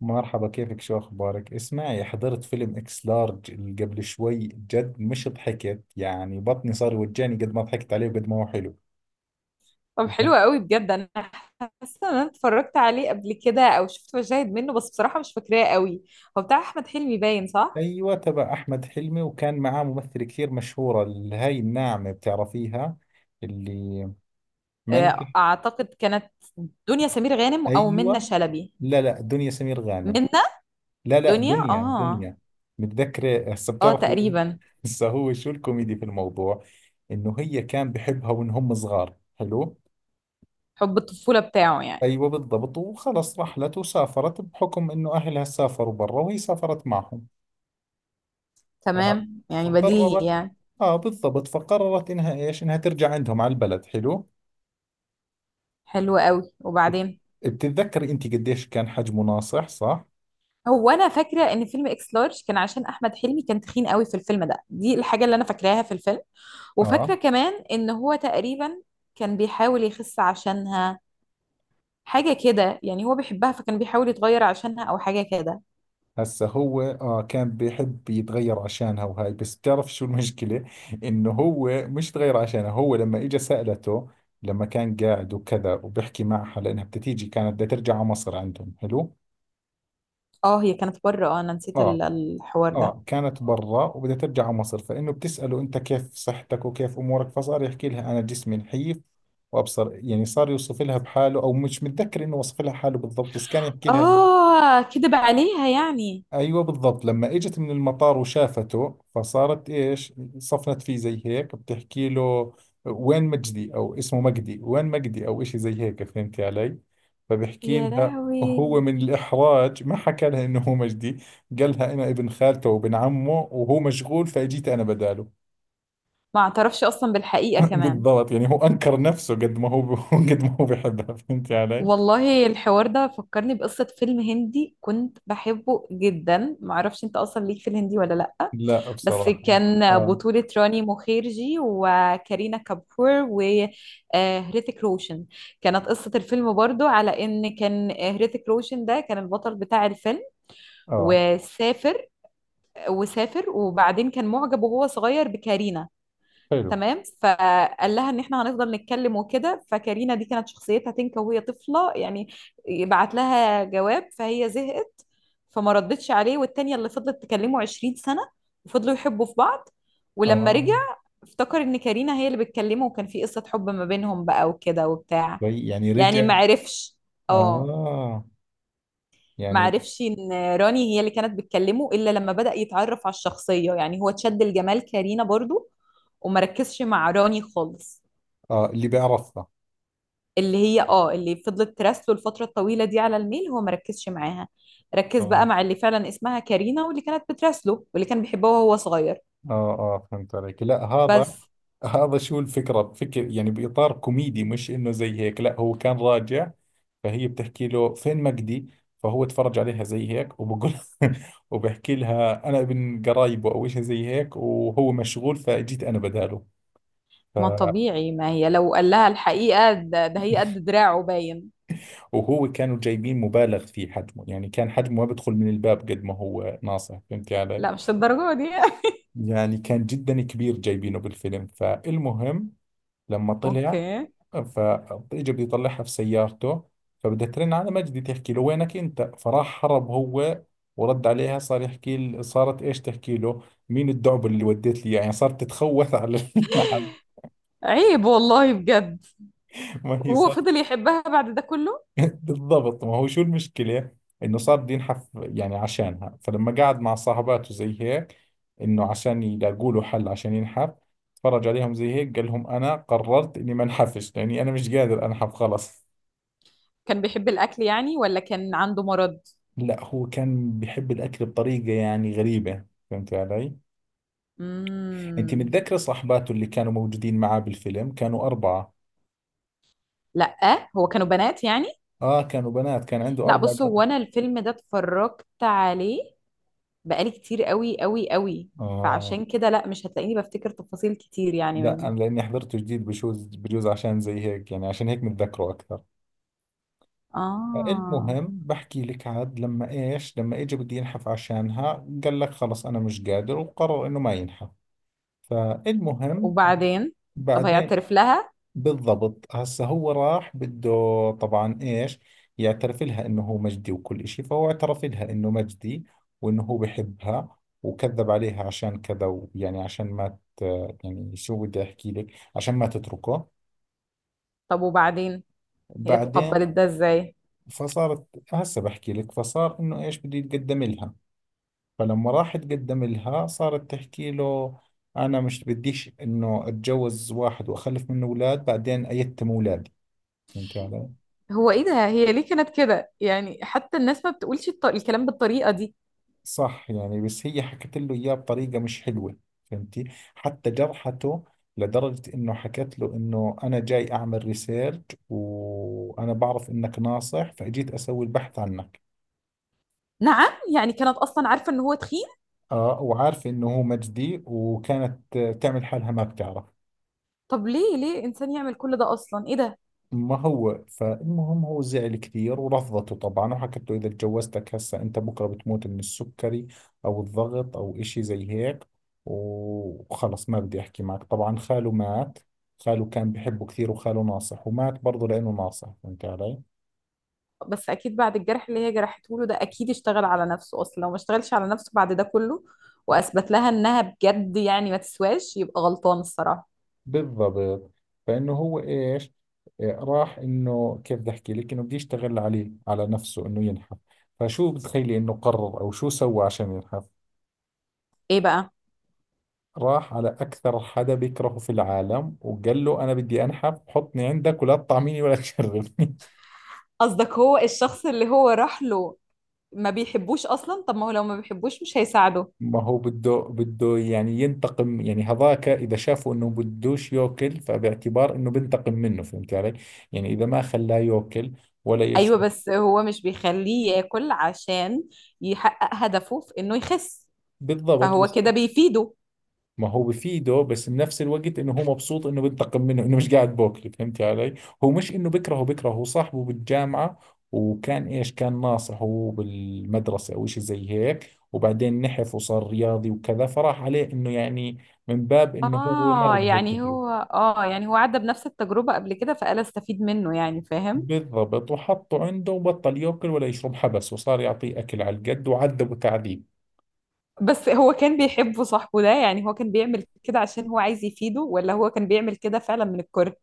مرحبا، كيفك؟ شو أخبارك؟ اسمعي، حضرت فيلم إكس لارج اللي قبل شوي. جد مش ضحكت، يعني بطني صار يوجعني قد ما ضحكت عليه وقد ما هو حلو. طب، ب- حلو قوي بجد. انا حاسه ان انا اتفرجت عليه قبل كده او شفت مشاهد منه، بس بصراحه مش فاكراه قوي. هو بتاع احمد حلمي باين، صح؟ أيوة، تبع أحمد حلمي، وكان معاه ممثلة كثير مشهورة اللي هاي الناعمة، بتعرفيها؟ اللي ما إنك آه، اعتقد كانت دنيا سمير غانم او منة أيوة. شلبي. لا، دنيا سمير غانم. منة. لا، دنيا. دنيا اه. دنيا متذكرة هسه، اه، بتعرفي. تقريبا. هسه، هو شو الكوميدي في الموضوع؟ إنه هي كان بحبها وإن هم صغار، حلو. حب الطفوله بتاعه يعني. أيوة بالضبط، وخلص رحلت وسافرت بحكم إنه أهلها سافروا برا وهي سافرت معهم. ف- تمام، يعني بديهي فقررت، يعني. آه بالضبط، فقررت إنها إيش، إنها ترجع عندهم على البلد، حلو. حلو قوي، وبعدين؟ بتتذكري أنت قديش كان حجمه ناصح، صح؟ هو انا فاكره ان فيلم اكس لارج كان عشان احمد حلمي كان تخين قوي في الفيلم ده، دي الحاجه اللي انا فاكراها في الفيلم. وفاكره آه. كمان ان هو تقريبا كان بيحاول يخس عشانها. حاجة كده يعني، هو بيحبها فكان بيحاول يتغير عشانها أو حاجة كده. هسا هو، آه، كان بيحب يتغير عشانها، وهاي بس بتعرف شو المشكلة، إنه هو مش تغير عشانها. هو لما إجا سألته، لما كان قاعد وكذا وبيحكي معها لأنها بتتيجي، كانت بدها ترجع على مصر عندهم، حلو؟ اه هي كانت بره. اه، أنا نسيت ال- اه. الحوار ده. اه، كانت برا وبدها ترجع على مصر، فانه بتساله انت كيف صحتك وكيف امورك، فصار يحكي لها انا جسمي نحيف، وابصر يعني، صار يوصف لها بحاله، او مش متذكر انه وصف لها حاله بالضبط، بس كان يحكي لها. اه، كدب عليها يعني. ايوه بالضبط. لما اجت من المطار وشافته، فصارت ايش، صفنت فيه زي هيك، بتحكي له وين مجدي، او اسمه مجدي، وين مجدي او اشي زي هيك، فهمتي علي؟ فبحكي يا لها، لهوي! هو من الاحراج ما حكى لها انه هو مجدي، قال لها انا ابن خالته وابن عمه، وهو مشغول فاجيت انا بداله. ما اعترفش أصلا بالحقيقة كمان. بالضبط، يعني هو انكر نفسه قد ما هو قد ما هو بحبها، فهمتي علي؟ والله الحوار ده فكرني بقصة فيلم هندي كنت بحبه جدا. معرفش انت أصلا ليك في الهندي ولا لأ. لا بس بصراحة. كان اه. بطولة راني مخيرجي وكارينا كابور وهريتك روشن. كانت قصة الفيلم برضو على ان كان هريتك روشن ده كان البطل بتاع الفيلم اه. وسافر. وسافر وبعدين كان معجب وهو صغير بكارينا. حلو. تمام. فقال لها ان احنا هنفضل نتكلم وكده. فكارينا دي كانت شخصيتها تنكا وهي طفله يعني. يبعت لها جواب فهي زهقت، فما ردتش عليه. والتانية اللي فضلت تكلمه 20 سنه وفضلوا يحبوا في بعض. ولما رجع اه. افتكر ان كارينا هي اللي بتكلمه، وكان في قصه حب ما بينهم بقى وكده وبتاع. طيب يعني يعني ما رجع. عرفش. اه. آه. ما يعني. عرفش ان راني هي اللي كانت بتكلمه الا لما بدأ يتعرف على الشخصيه، يعني هو اتشد لجمال كارينا برضو وما ركزش مع راني خالص. آه، اللي بيعرفها. اللي هي، اه، اللي فضلت تراسله الفترة الطويلة دي على الميل، هو ما ركزش معاها. ركز بقى آه مع اللي فعلا اسمها كارينا واللي كانت بتراسله واللي كان بيحبها وهو صغير. آه، آه فهمت عليك، لا هذا. بس. هذا شو الفكرة، بفكر يعني بإطار كوميدي، مش إنه زي هيك. لا، هو كان راجع، فهي بتحكي له فين مجدي، فهو تفرج عليها زي هيك وبقول، وبحكي لها أنا ابن قرايبه أو شيء زي هيك، وهو مشغول فجيت أنا بداله. ف... ما طبيعي، ما هي لو قال لها الحقيقة ده، هي قد دراعه باين. وهو كانوا جايبين مبالغ في حجمه، يعني كان حجمه ما بدخل من الباب قد ما هو ناصح، فهمت علي؟ لا مش للدرجة دي. يعني كان جدا كبير جايبينه بالفيلم. فالمهم، لما طلع، اوكي. فاجى بده يطلعها في سيارته، فبدها ترن على مجدي تحكي له وينك انت، فراح هرب هو، ورد عليها صار يحكي صارت ايش، تحكي له مين الدعب اللي وديت لي إياه؟ يعني صارت تتخوث على، على- عيب والله بجد. ما هي. وهو فضل يحبها بعد ده كله. بالضبط، ما هو شو المشكلة، انه صار بده ينحف يعني عشانها. فلما قعد مع صاحباته زي هيك، انه عشان يلاقوا له حل عشان ينحف، تفرج عليهم زي هيك قال لهم انا قررت اني ما انحفش، لاني انا مش قادر انحف، خلص. كان بيحب الأكل يعني ولا كان عنده مرض؟ لا، هو كان بيحب الاكل بطريقة يعني غريبة، فهمت علي؟ انت امم. متذكرة صاحباته اللي كانوا موجودين معاه بالفيلم كانوا اربعة؟ لا هو كانوا بنات يعني. اه، كانوا بنات، كان عنده لا اربع بص، بنات. هو انا الفيلم ده اتفرجت عليه بقالي كتير قوي قوي قوي، اه. فعشان كده لا مش هتلاقيني بفتكر تفاصيل كتير يعني لا منه. انا لاني حضرته جديد بشوز بجوز، عشان زي هيك يعني، عشان هيك متذكره اكثر. اه. المهم بحكي لك، عاد لما ايش، لما اجى بده ينحف عشانها قال لك خلص انا مش قادر، وقرر انه ما ينحف. فالمهم. وبعدين؟ طب بعدين. هيعترف لها؟ بالضبط، هسه هو راح بده طبعا ايش، يعترف لها انه هو مجدي وكل اشي. فهو اعترف لها انه مجدي، وانه هو بحبها وكذب عليها عشان كذا، ويعني عشان ما ت... يعني شو بدي احكي لك، عشان ما تتركه. طب وبعدين؟ هي بعدين. تقبلت ده ازاي؟ فصارت، هسه بحكي لك، فصار انه ايش بده يتقدم لها. فلما راح تقدم لها، صارت تحكي له أنا مش بديش إنه أتجوز واحد وأخلف منه أولاد بعدين أيتم أولادي، فهمتي علي؟ هو ايه ده؟ هي ليه كانت كده يعني، حتى الناس ما بتقولش الكلام بالطريقة دي. صح، يعني بس هي حكت له إياه بطريقة مش حلوة، فهمتي؟ حتى جرحته، لدرجة إنه حكت له إنه أنا جاي أعمل ريسيرش، وأنا بعرف إنك ناصح فأجيت أسوي البحث عنك. نعم، يعني كانت اصلا عارفة ان هو تخين. آه، وعارفة إنه هو مجدي وكانت تعمل حالها ما بتعرف. طب ليه ليه انسان يعمل كل ده اصلا، ايه ده؟ ما هو فالمهم، هو زعل كثير ورفضته طبعا، وحكت له إذا تجوزتك هسه أنت بكرة بتموت من السكري، أو الضغط أو إشي زي هيك، وخلص ما بدي أحكي معك. طبعا خاله مات، خاله كان بحبه كثير، وخاله ناصح ومات برضه لأنه ناصح، فهمت علي؟ بس اكيد بعد الجرح اللي هي جرحته له ده اكيد اشتغل على نفسه، اصلا لو ما اشتغلش على نفسه بعد ده كله واثبت لها انها بجد يعني ما تسواش يبقى غلطان الصراحة. بالضبط. فإنه هو إيش، إيه، راح، إنه كيف بدي أحكي لك، إنه بده يشتغل عليه على نفسه إنه ينحف. فشو بتخيلي إنه قرر أو شو سوى عشان ينحف؟ ايه بقى؟ راح على أكثر حدا بيكرهه في العالم، وقال له أنا بدي أنحف، حطني عندك ولا تطعميني ولا تشربني. قصدك هو الشخص اللي هو راح له ما بيحبوش اصلا؟ طب ما هو لو ما بيحبوش مش هيساعده. ما هو بده يعني ينتقم، يعني هذاك إذا شافه إنه بدوش يأكل فباعتبار إنه بنتقم منه، فهمت علي؟ يعني إذا ما خلاه يأكل ولا ايوه، يشرب. بس هو مش بيخليه ياكل عشان يحقق هدفه في انه يخس، بالضبط فهو بس. كده بيفيده. ما هو بفيده، بس بنفس الوقت انه هو مبسوط انه بنتقم منه، انه مش قاعد بوكل، فهمتي علي؟ هو مش انه بكرهه بكرهه، هو صاحبه بالجامعة، وكان ايش، كان ناصحه بالمدرسة او اشي زي هيك، وبعدين نحف وصار رياضي وكذا، فراح عليه انه يعني من باب انه هو مر اه بهي يعني هو، التجربة. اه، يعني هو عدى بنفس التجربة قبل كده فقال استفيد منه، يعني فاهم. بالضبط، وحطه عنده وبطل ياكل ولا يشرب، حبس، وصار يعطيه اكل على القد وعذبه تعذيب. بس هو كان بيحبه صاحبه ده يعني؟ هو كان بيعمل كده عشان هو عايز يفيده ولا هو كان بيعمل كده فعلا من الكره؟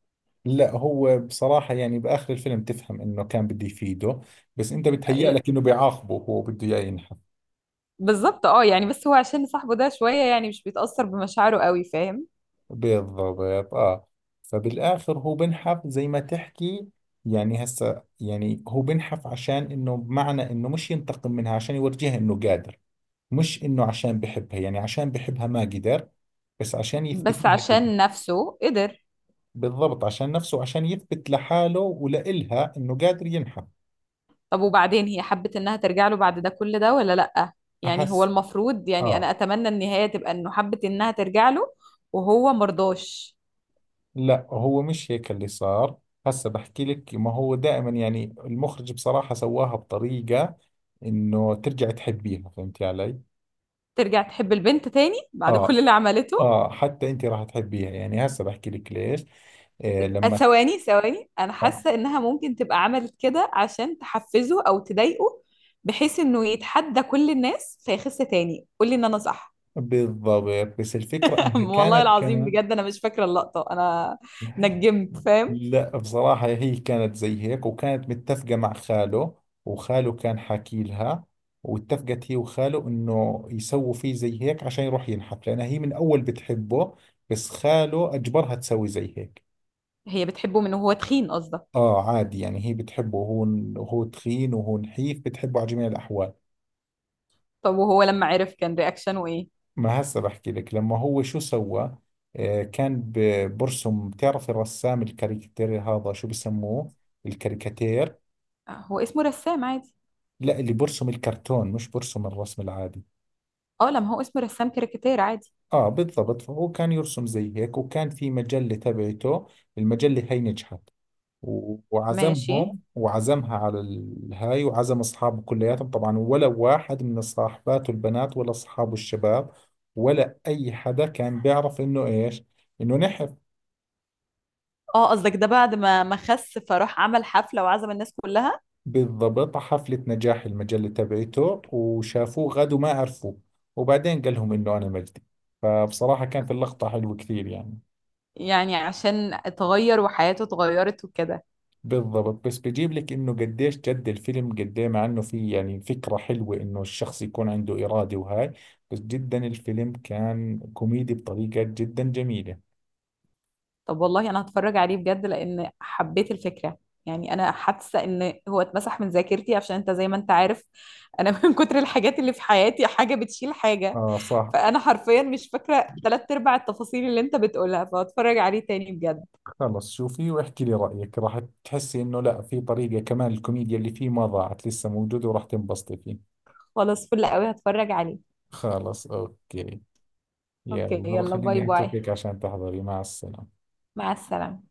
لا، هو بصراحة يعني بآخر الفيلم تفهم إنه كان بده يفيده، بس أنت بتهيأ لك إنه بيعاقبه، هو بده إياه ينحى. بالظبط. اه، يعني بس هو عشان صاحبه ده شوية يعني مش بيتأثر بمشاعره قوي، فاهم. بالضبط اه. فبالاخر هو بنحف زي ما تحكي، يعني هسه يعني هو بنحف عشان انه بمعنى انه مش ينتقم منها، عشان يورجيها انه قادر، مش انه عشان بحبها، يعني عشان بحبها ما قدر، بس عشان يثبت بس لها كده. عشان نفسه قدر. بالضبط، عشان نفسه، عشان يثبت لحاله ولإلها انه قادر ينحف. طب وبعدين، هي حبت انها ترجع له بعد ده كل ده ولا لأ؟ يعني هو احس. المفروض، يعني انا اه. اتمنى النهاية تبقى انه حبت انها ترجع له وهو مرضاش. لا، هو مش هيك اللي صار، هسه بحكي لك. ما هو دائما يعني المخرج بصراحة سواها بطريقة انه ترجع تحبيها، فهمتي علي؟ ترجع تحب البنت تاني بعد كل اه. اللي عملته؟ اه، حتى انت راح تحبيها، يعني هسه بحكي لك ليش. آه لما. ثواني ثواني، انا آه. حاسة انها ممكن تبقى عملت كده عشان تحفزه او تضايقه، بحيث انه يتحدى كل الناس فيخس تاني. قولي ان انا صح. بالضبط، بس الفكرة انها والله كانت العظيم كمان. بجد انا مش فاكرة اللقطة انا. نجمت فاهم. لا بصراحة، هي كانت زي هيك وكانت متفقة مع خاله، وخاله كان حاكي لها، واتفقت هي وخاله انه يسووا فيه زي هيك عشان يروح ينحف، لانها هي من اول بتحبه، بس خاله اجبرها تسوي زي هيك. هي بتحبه من وهو تخين قصدك؟ اه عادي، يعني هي بتحبه، وهو، وهو تخين وهو نحيف بتحبه على جميع الاحوال. طب وهو لما عرف كان رياكشنه ايه؟ ما هسه بحكي لك لما هو شو سوى. آه كان برسم، بتعرف الرسام الكاريكاتير هذا شو بسموه، الكاريكاتير. آه، هو اسمه رسام عادي. لا، اللي برسم الكرتون، مش برسم الرسم العادي. اه، لما هو اسمه رسام كاريكاتير عادي. اه بالضبط. فهو كان يرسم زي هيك، وكان في مجلة تبعته، المجلة هاي نجحت، ماشي. وعزمهم وعزمها على الهاي وعزم اصحابه كلياتهم، طبعا ولا واحد من صاحباته البنات ولا اصحابه الشباب، ولا اي حدا كان بيعرف انه ايش، انه نحف. اه قصدك ده بعد ما خس فراح عمل حفلة وعزم الناس كلها؟ بالضبط، على حفلة نجاح المجلة تبعته، وشافوه غد وما عرفوه، وبعدين قال لهم انه انا مجدي، فبصراحة كانت اللقطة حلوة كثير يعني. يعني عشان اتغير وحياته اتغيرت وكده. بالضبط، بس بجيب لك انه قديش جد الفيلم قد ايه، مع انه في يعني فكرة حلوة انه الشخص يكون عنده إرادة وهاي، بس جدا الفيلم كان كوميدي بطريقة جدا جميلة. طب والله انا هتفرج عليه بجد لان حبيت الفكرة. يعني انا حاسه ان هو اتمسح من ذاكرتي. عشان انت زي ما انت عارف، انا من كتر الحاجات اللي في حياتي حاجه بتشيل حاجه، اه صح. فانا حرفيا مش فاكره تلات ارباع التفاصيل اللي انت بتقولها. فهتفرج عليه تاني بجد. خلص شوفي واحكي لي رأيك، راح تحسي انه لا، في طريقة كمان الكوميديا اللي فيه ما ضاعت، لسه موجودة، وراح تنبسطي فيه. خلاص، فل قوي، هتفرج عليه. خلص اوكي. اوكي يلا يلا، باي خليني باي. اتركك عشان تحضري، مع السلامة. مع السلامة.